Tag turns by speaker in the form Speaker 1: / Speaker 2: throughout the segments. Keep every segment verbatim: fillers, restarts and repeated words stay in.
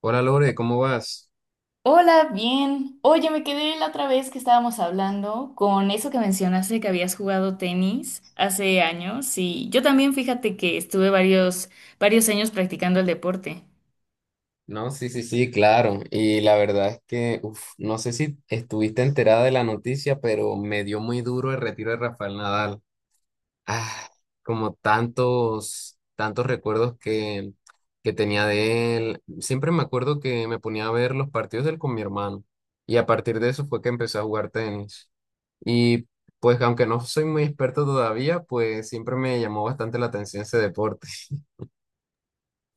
Speaker 1: Hola Lore, ¿cómo vas?
Speaker 2: Hola, bien. Oye, me quedé la otra vez que estábamos hablando con eso que mencionaste que habías jugado tenis hace años y yo también, fíjate que estuve varios, varios años practicando el deporte.
Speaker 1: No, sí, sí, sí, claro. Y la verdad es que, uf, no sé si estuviste enterada de la noticia, pero me dio muy duro el retiro de Rafael Nadal. Ah, como tantos, tantos recuerdos que, que tenía de él. Siempre me acuerdo que me ponía a ver los partidos de él con mi hermano. Y a partir de eso fue que empecé a jugar tenis. Y pues, aunque no soy muy experto todavía, pues siempre me llamó bastante la atención ese deporte.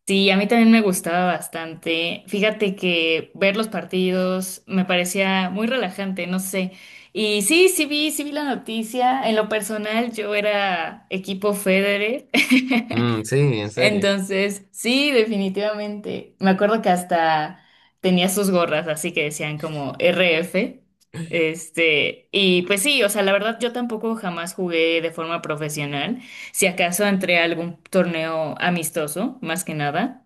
Speaker 2: Sí, a mí también me gustaba bastante. Fíjate que ver los partidos me parecía muy relajante, no sé. Y sí, sí vi, sí vi la noticia. En lo personal, yo era equipo Federer.
Speaker 1: Mm, sí, en serio.
Speaker 2: Entonces, sí, definitivamente. Me acuerdo que hasta tenía sus gorras, así que decían como R F. Este, y pues sí, o sea, la verdad yo tampoco jamás jugué de forma profesional. Si acaso entré a algún torneo amistoso, más que nada.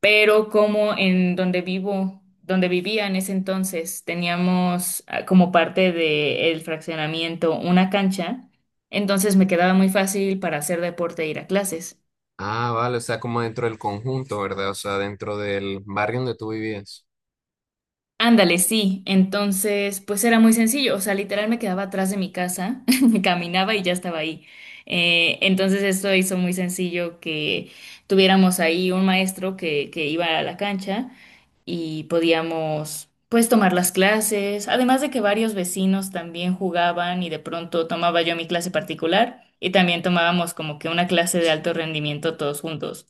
Speaker 2: Pero como en donde vivo, donde vivía en ese entonces, teníamos ah, como parte del fraccionamiento una cancha. Entonces me quedaba muy fácil para hacer deporte e ir a clases.
Speaker 1: Ah, vale, o sea, como dentro del conjunto, ¿verdad? O sea, dentro del barrio donde tú vivías.
Speaker 2: Ándale, sí. Entonces, pues era muy sencillo. O sea, literal me quedaba atrás de mi casa, caminaba y ya estaba ahí. Eh, entonces, esto hizo muy sencillo que tuviéramos ahí un maestro que, que iba a la cancha y podíamos, pues, tomar las clases. Además de que varios vecinos también jugaban y de pronto tomaba yo mi clase particular y también tomábamos como que una clase de alto rendimiento todos juntos.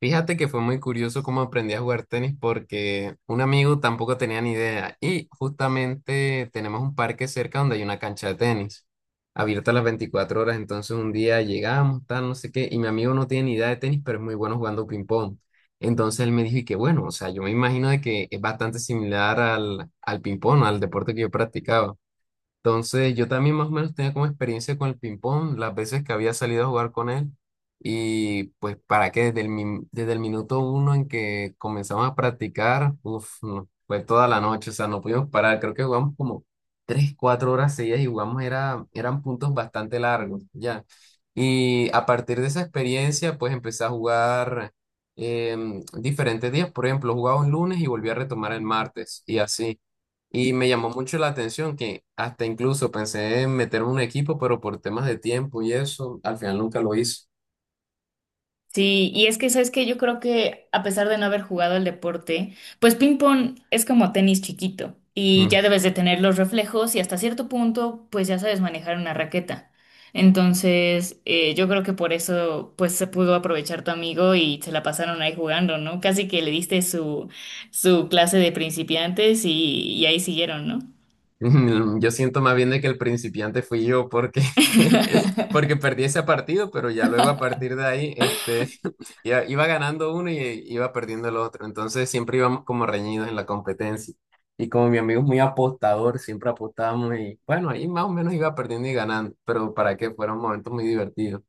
Speaker 1: Fíjate que fue muy curioso cómo aprendí a jugar tenis porque un amigo tampoco tenía ni idea y justamente tenemos un parque cerca donde hay una cancha de tenis abierta las veinticuatro horas. Entonces un día llegamos, tal, no sé qué, y mi amigo no tiene ni idea de tenis, pero es muy bueno jugando ping-pong. Entonces él me dijo, y que bueno, o sea, yo me imagino de que es bastante similar al, al ping-pong, al deporte que yo practicaba. Entonces, yo también más o menos tenía como experiencia con el ping-pong, las veces que había salido a jugar con él. Y pues, para que desde el, min- desde el minuto uno en que comenzamos a practicar, uf, no, fue toda la noche, o sea, no pudimos parar. Creo que jugamos como tres, cuatro horas seguidas y jugamos, era, eran puntos bastante largos, ya. Y a partir de esa experiencia, pues empecé a jugar em, diferentes días. Por ejemplo, jugaba un lunes y volví a retomar el martes, y así. Y me llamó mucho la atención que hasta incluso pensé en meter un equipo, pero por temas de tiempo y eso, al final nunca lo hice.
Speaker 2: Sí, y es que, ¿sabes que Yo creo que a pesar de no haber jugado el deporte, pues ping pong es como tenis chiquito y
Speaker 1: Mm.
Speaker 2: ya debes de tener los reflejos y hasta cierto punto, pues ya sabes manejar una raqueta. Entonces, eh, yo creo que por eso, pues se pudo aprovechar tu amigo y se la pasaron ahí jugando, ¿no? Casi que le diste su, su clase de principiantes y, y ahí siguieron, ¿no?
Speaker 1: Yo siento más bien de que el principiante fui yo porque, porque perdí ese partido, pero ya luego a partir de ahí este, ya iba ganando uno y iba perdiendo el otro. Entonces siempre íbamos como reñidos en la competencia. Y como mi amigo es muy apostador, siempre apostábamos y bueno, ahí más o menos iba perdiendo y ganando, pero para que fuera un momento muy divertido.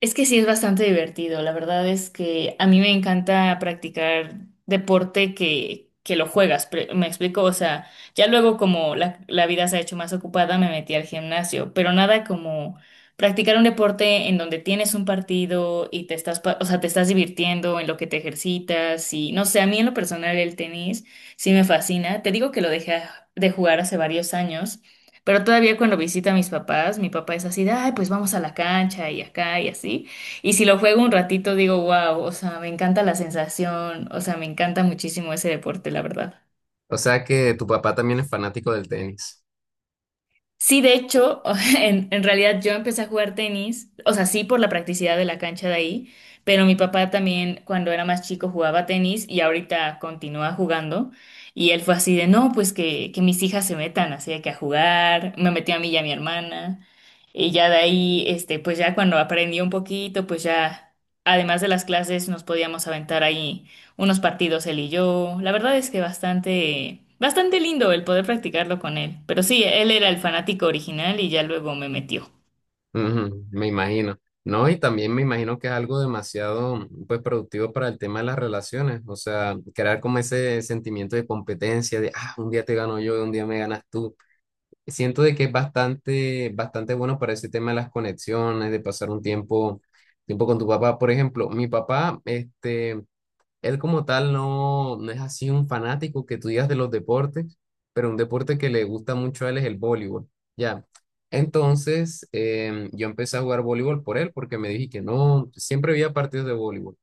Speaker 2: Es que sí es bastante divertido. La verdad es que a mí me encanta practicar deporte que, que lo juegas. pre- Me explico, o sea, ya luego como la, la vida se ha hecho más ocupada, me metí al gimnasio, pero nada como practicar un deporte en donde tienes un partido y te estás, pa- o sea, te estás divirtiendo en lo que te ejercitas y no sé, a mí en lo personal el tenis sí me fascina. Te digo que lo dejé de jugar hace varios años, pero todavía cuando visita a mis papás, mi papá es así de, ay, pues vamos a la cancha y acá y así. Y si lo juego un ratito, digo, wow, o sea, me encanta la sensación, o sea, me encanta muchísimo ese deporte, la verdad.
Speaker 1: O sea que tu papá también es fanático del tenis.
Speaker 2: Sí, de hecho, en, en realidad yo empecé a jugar tenis, o sea, sí por la practicidad de la cancha de ahí, pero mi papá también cuando era más chico jugaba tenis y ahorita continúa jugando. Y él fue así de, no, pues que, que mis hijas se metan, así de que a jugar, me metió a mí y a mi hermana. Y ya de ahí, este, pues ya cuando aprendí un poquito, pues ya, además de las clases, nos podíamos aventar ahí unos partidos él y yo. La verdad es que bastante, bastante lindo el poder practicarlo con él. Pero sí, él era el fanático original y ya luego me metió.
Speaker 1: Ujú, me imagino. No, y también me imagino que es algo demasiado, pues, productivo para el tema de las relaciones. O sea, crear como ese sentimiento de competencia, de, ah, un día te gano yo, un día me ganas tú. Siento de que es bastante, bastante bueno para ese tema de las conexiones, de pasar un tiempo, tiempo con tu papá. Por ejemplo, mi papá, este, él como tal no, no es así un fanático que tú digas de los deportes, pero un deporte que le gusta mucho a él es el voleibol. Ya. Entonces, em, yo empecé a jugar voleibol por él porque me dije que no, siempre había partidos de voleibol.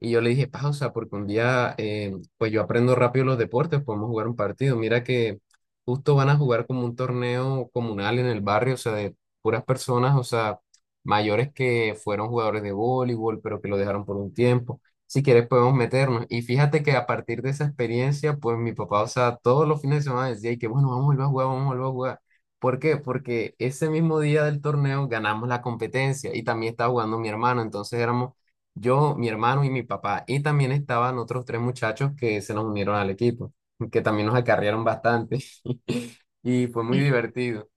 Speaker 1: Y yo le dije, pausa, porque un día, em, pues yo aprendo rápido los deportes, podemos jugar un partido. Mira que justo van a jugar como un torneo comunal en el barrio, o sea, de puras personas, o sea, mayores que fueron jugadores de voleibol, pero que lo dejaron por un tiempo. Si quieres podemos meternos. Y fíjate que a partir de esa experiencia, pues mi papá, o sea, todos los fines de semana decía: "Ay, que bueno, vamos a volver a jugar, vamos a volver a jugar". ¿Por qué? Porque ese mismo día del torneo ganamos la competencia y también estaba jugando mi hermano. Entonces éramos yo, mi hermano y mi papá. Y también estaban otros tres muchachos que se nos unieron al equipo, que también nos acarrearon bastante. Y fue muy
Speaker 2: Mm.
Speaker 1: divertido.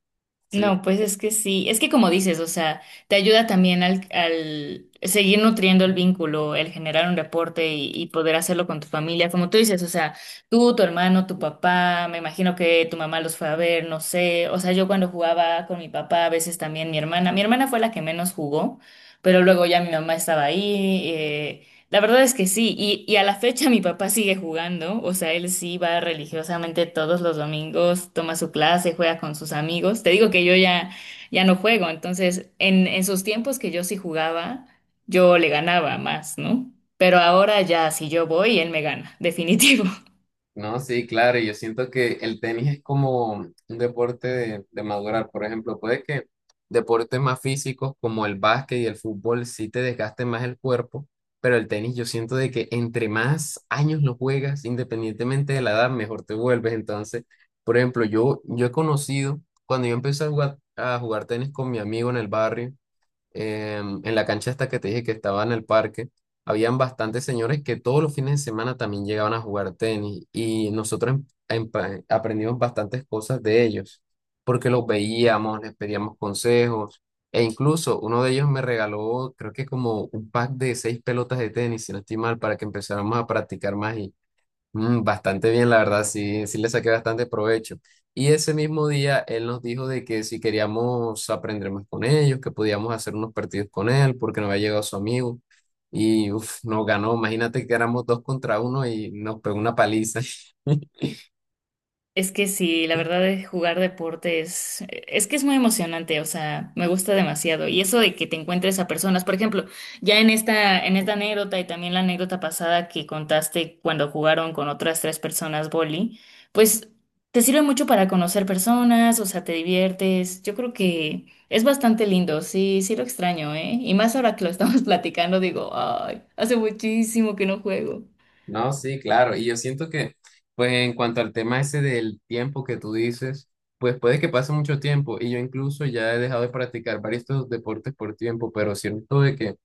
Speaker 1: Sí.
Speaker 2: No, pues es que sí, es que como dices, o sea, te ayuda también al, al seguir nutriendo el vínculo, el generar un reporte y, y poder hacerlo con tu familia, como tú dices, o sea, tú, tu hermano, tu papá, me imagino que tu mamá los fue a ver, no sé, o sea, yo cuando jugaba con mi papá, a veces también mi hermana, mi hermana fue la que menos jugó, pero luego ya mi mamá estaba ahí, eh, la verdad es que sí, y, y a la fecha mi papá sigue jugando, o sea, él sí va religiosamente todos los domingos, toma su clase, juega con sus amigos. Te digo que yo ya, ya no juego, entonces en, en sus tiempos que yo sí jugaba, yo le ganaba más, ¿no? Pero ahora ya si yo voy, él me gana, definitivo.
Speaker 1: No, sí, claro, y yo siento que el tenis es como un deporte de, de madurar. Por ejemplo, puede que deportes más físicos como el básquet y el fútbol sí te desgasten más el cuerpo, pero el tenis yo siento de que entre más años lo juegas, independientemente de la edad, mejor te vuelves. Entonces, por ejemplo, yo, yo he conocido, cuando yo empecé a jugar, a jugar tenis con mi amigo en el barrio, em, en la cancha esta que te dije que estaba en el parque, habían bastantes señores que todos los fines de semana también llegaban a jugar tenis y nosotros em- empa- aprendimos bastantes cosas de ellos, porque los veíamos, les pedíamos consejos e incluso uno de ellos me regaló, creo que como un pack de seis pelotas de tenis, si no estoy mal, para que empezáramos a practicar más. Mm, bastante bien, la verdad, sí, sí le saqué bastante provecho. Y ese mismo día él nos dijo de que si queríamos aprender más con ellos, que podíamos hacer unos partidos con él, porque no había llegado su amigo. Y uf, nos ganó, imagínate que éramos dos contra uno y nos pegó una paliza.
Speaker 2: Es que sí, la verdad es jugar deporte es, es que es muy emocionante, o sea, me gusta demasiado. Y eso de que te encuentres a personas, por ejemplo, ya en esta, en esta anécdota y también la anécdota pasada que contaste cuando jugaron con otras tres personas boli, pues te sirve mucho para conocer personas, o sea, te diviertes. Yo creo que es bastante lindo, sí, sí lo extraño, ¿eh? Y más ahora que lo estamos platicando, digo, ay, hace muchísimo que no juego.
Speaker 1: No, sí, claro. Y yo siento que, pues en cuanto al tema ese del tiempo que tú dices, pues puede que pase mucho tiempo. Y yo incluso ya he dejado de practicar varios estos deportes por tiempo, pero siento de que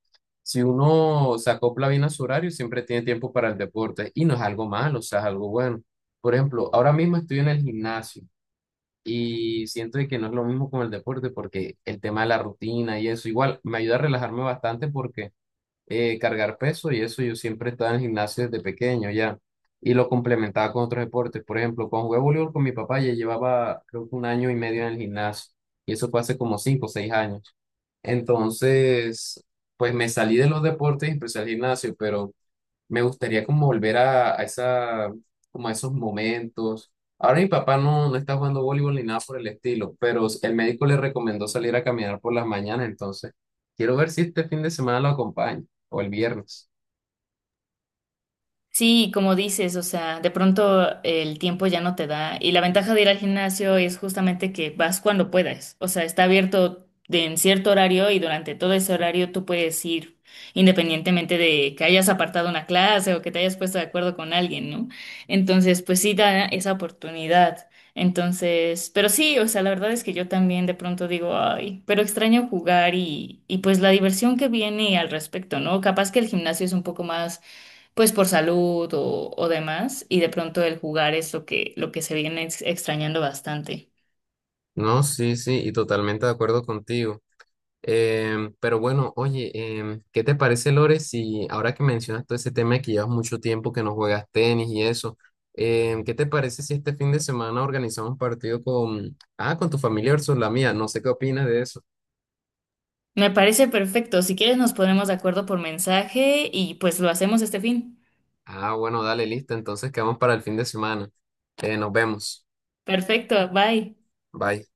Speaker 1: si uno se acopla bien a su horario, siempre tiene tiempo para el deporte. Y no es algo malo, o sea, es algo bueno. Por ejemplo, ahora mismo estoy en el gimnasio y siento de que no es lo mismo con el deporte porque el tema de la rutina y eso, igual me ayuda a relajarme bastante porque eh, cargar peso y eso, yo siempre estaba en el gimnasio desde pequeño ya y lo complementaba con otros deportes. Por ejemplo, cuando jugué voleibol con mi papá ya llevaba creo que un año y medio en el gimnasio y eso fue hace como cinco o seis años. Entonces, pues me salí de los deportes y empecé al gimnasio, pero me gustaría como volver a, a esa, como a esos momentos. Ahora mi papá no, no está jugando voleibol ni nada por el estilo, pero el médico le recomendó salir a caminar por las mañanas. Entonces quiero ver si este fin de semana lo acompaña o el viernes.
Speaker 2: Sí, como dices, o sea, de pronto el tiempo ya no te da y la ventaja de ir al gimnasio es justamente que vas cuando puedas, o sea, está abierto de, en cierto horario y durante todo ese horario tú puedes ir independientemente de que hayas apartado una clase o que te hayas puesto de acuerdo con alguien, ¿no? Entonces, pues sí da esa oportunidad. Entonces, pero sí, o sea, la verdad es que yo también de pronto digo, ay, pero extraño jugar y, y pues la diversión que viene al respecto, ¿no? Capaz que el gimnasio es un poco más pues por salud o, o demás, y de pronto el jugar es lo que, lo que se viene ex- extrañando bastante.
Speaker 1: No, sí, sí, y totalmente de acuerdo contigo. Em, pero bueno, oye, em, ¿qué te parece, Lore, si ahora que mencionas todo ese tema de que llevas mucho tiempo que no juegas tenis y eso, em, qué te parece si este fin de semana organizamos un partido con, ah, con tu familia versus la mía? No sé qué opinas de eso.
Speaker 2: Me parece perfecto. Si quieres nos ponemos de acuerdo por mensaje y pues lo hacemos este fin.
Speaker 1: Ah, bueno, dale, listo. Entonces quedamos para el fin de semana. Eh, nos vemos.
Speaker 2: Perfecto, bye.
Speaker 1: Bye.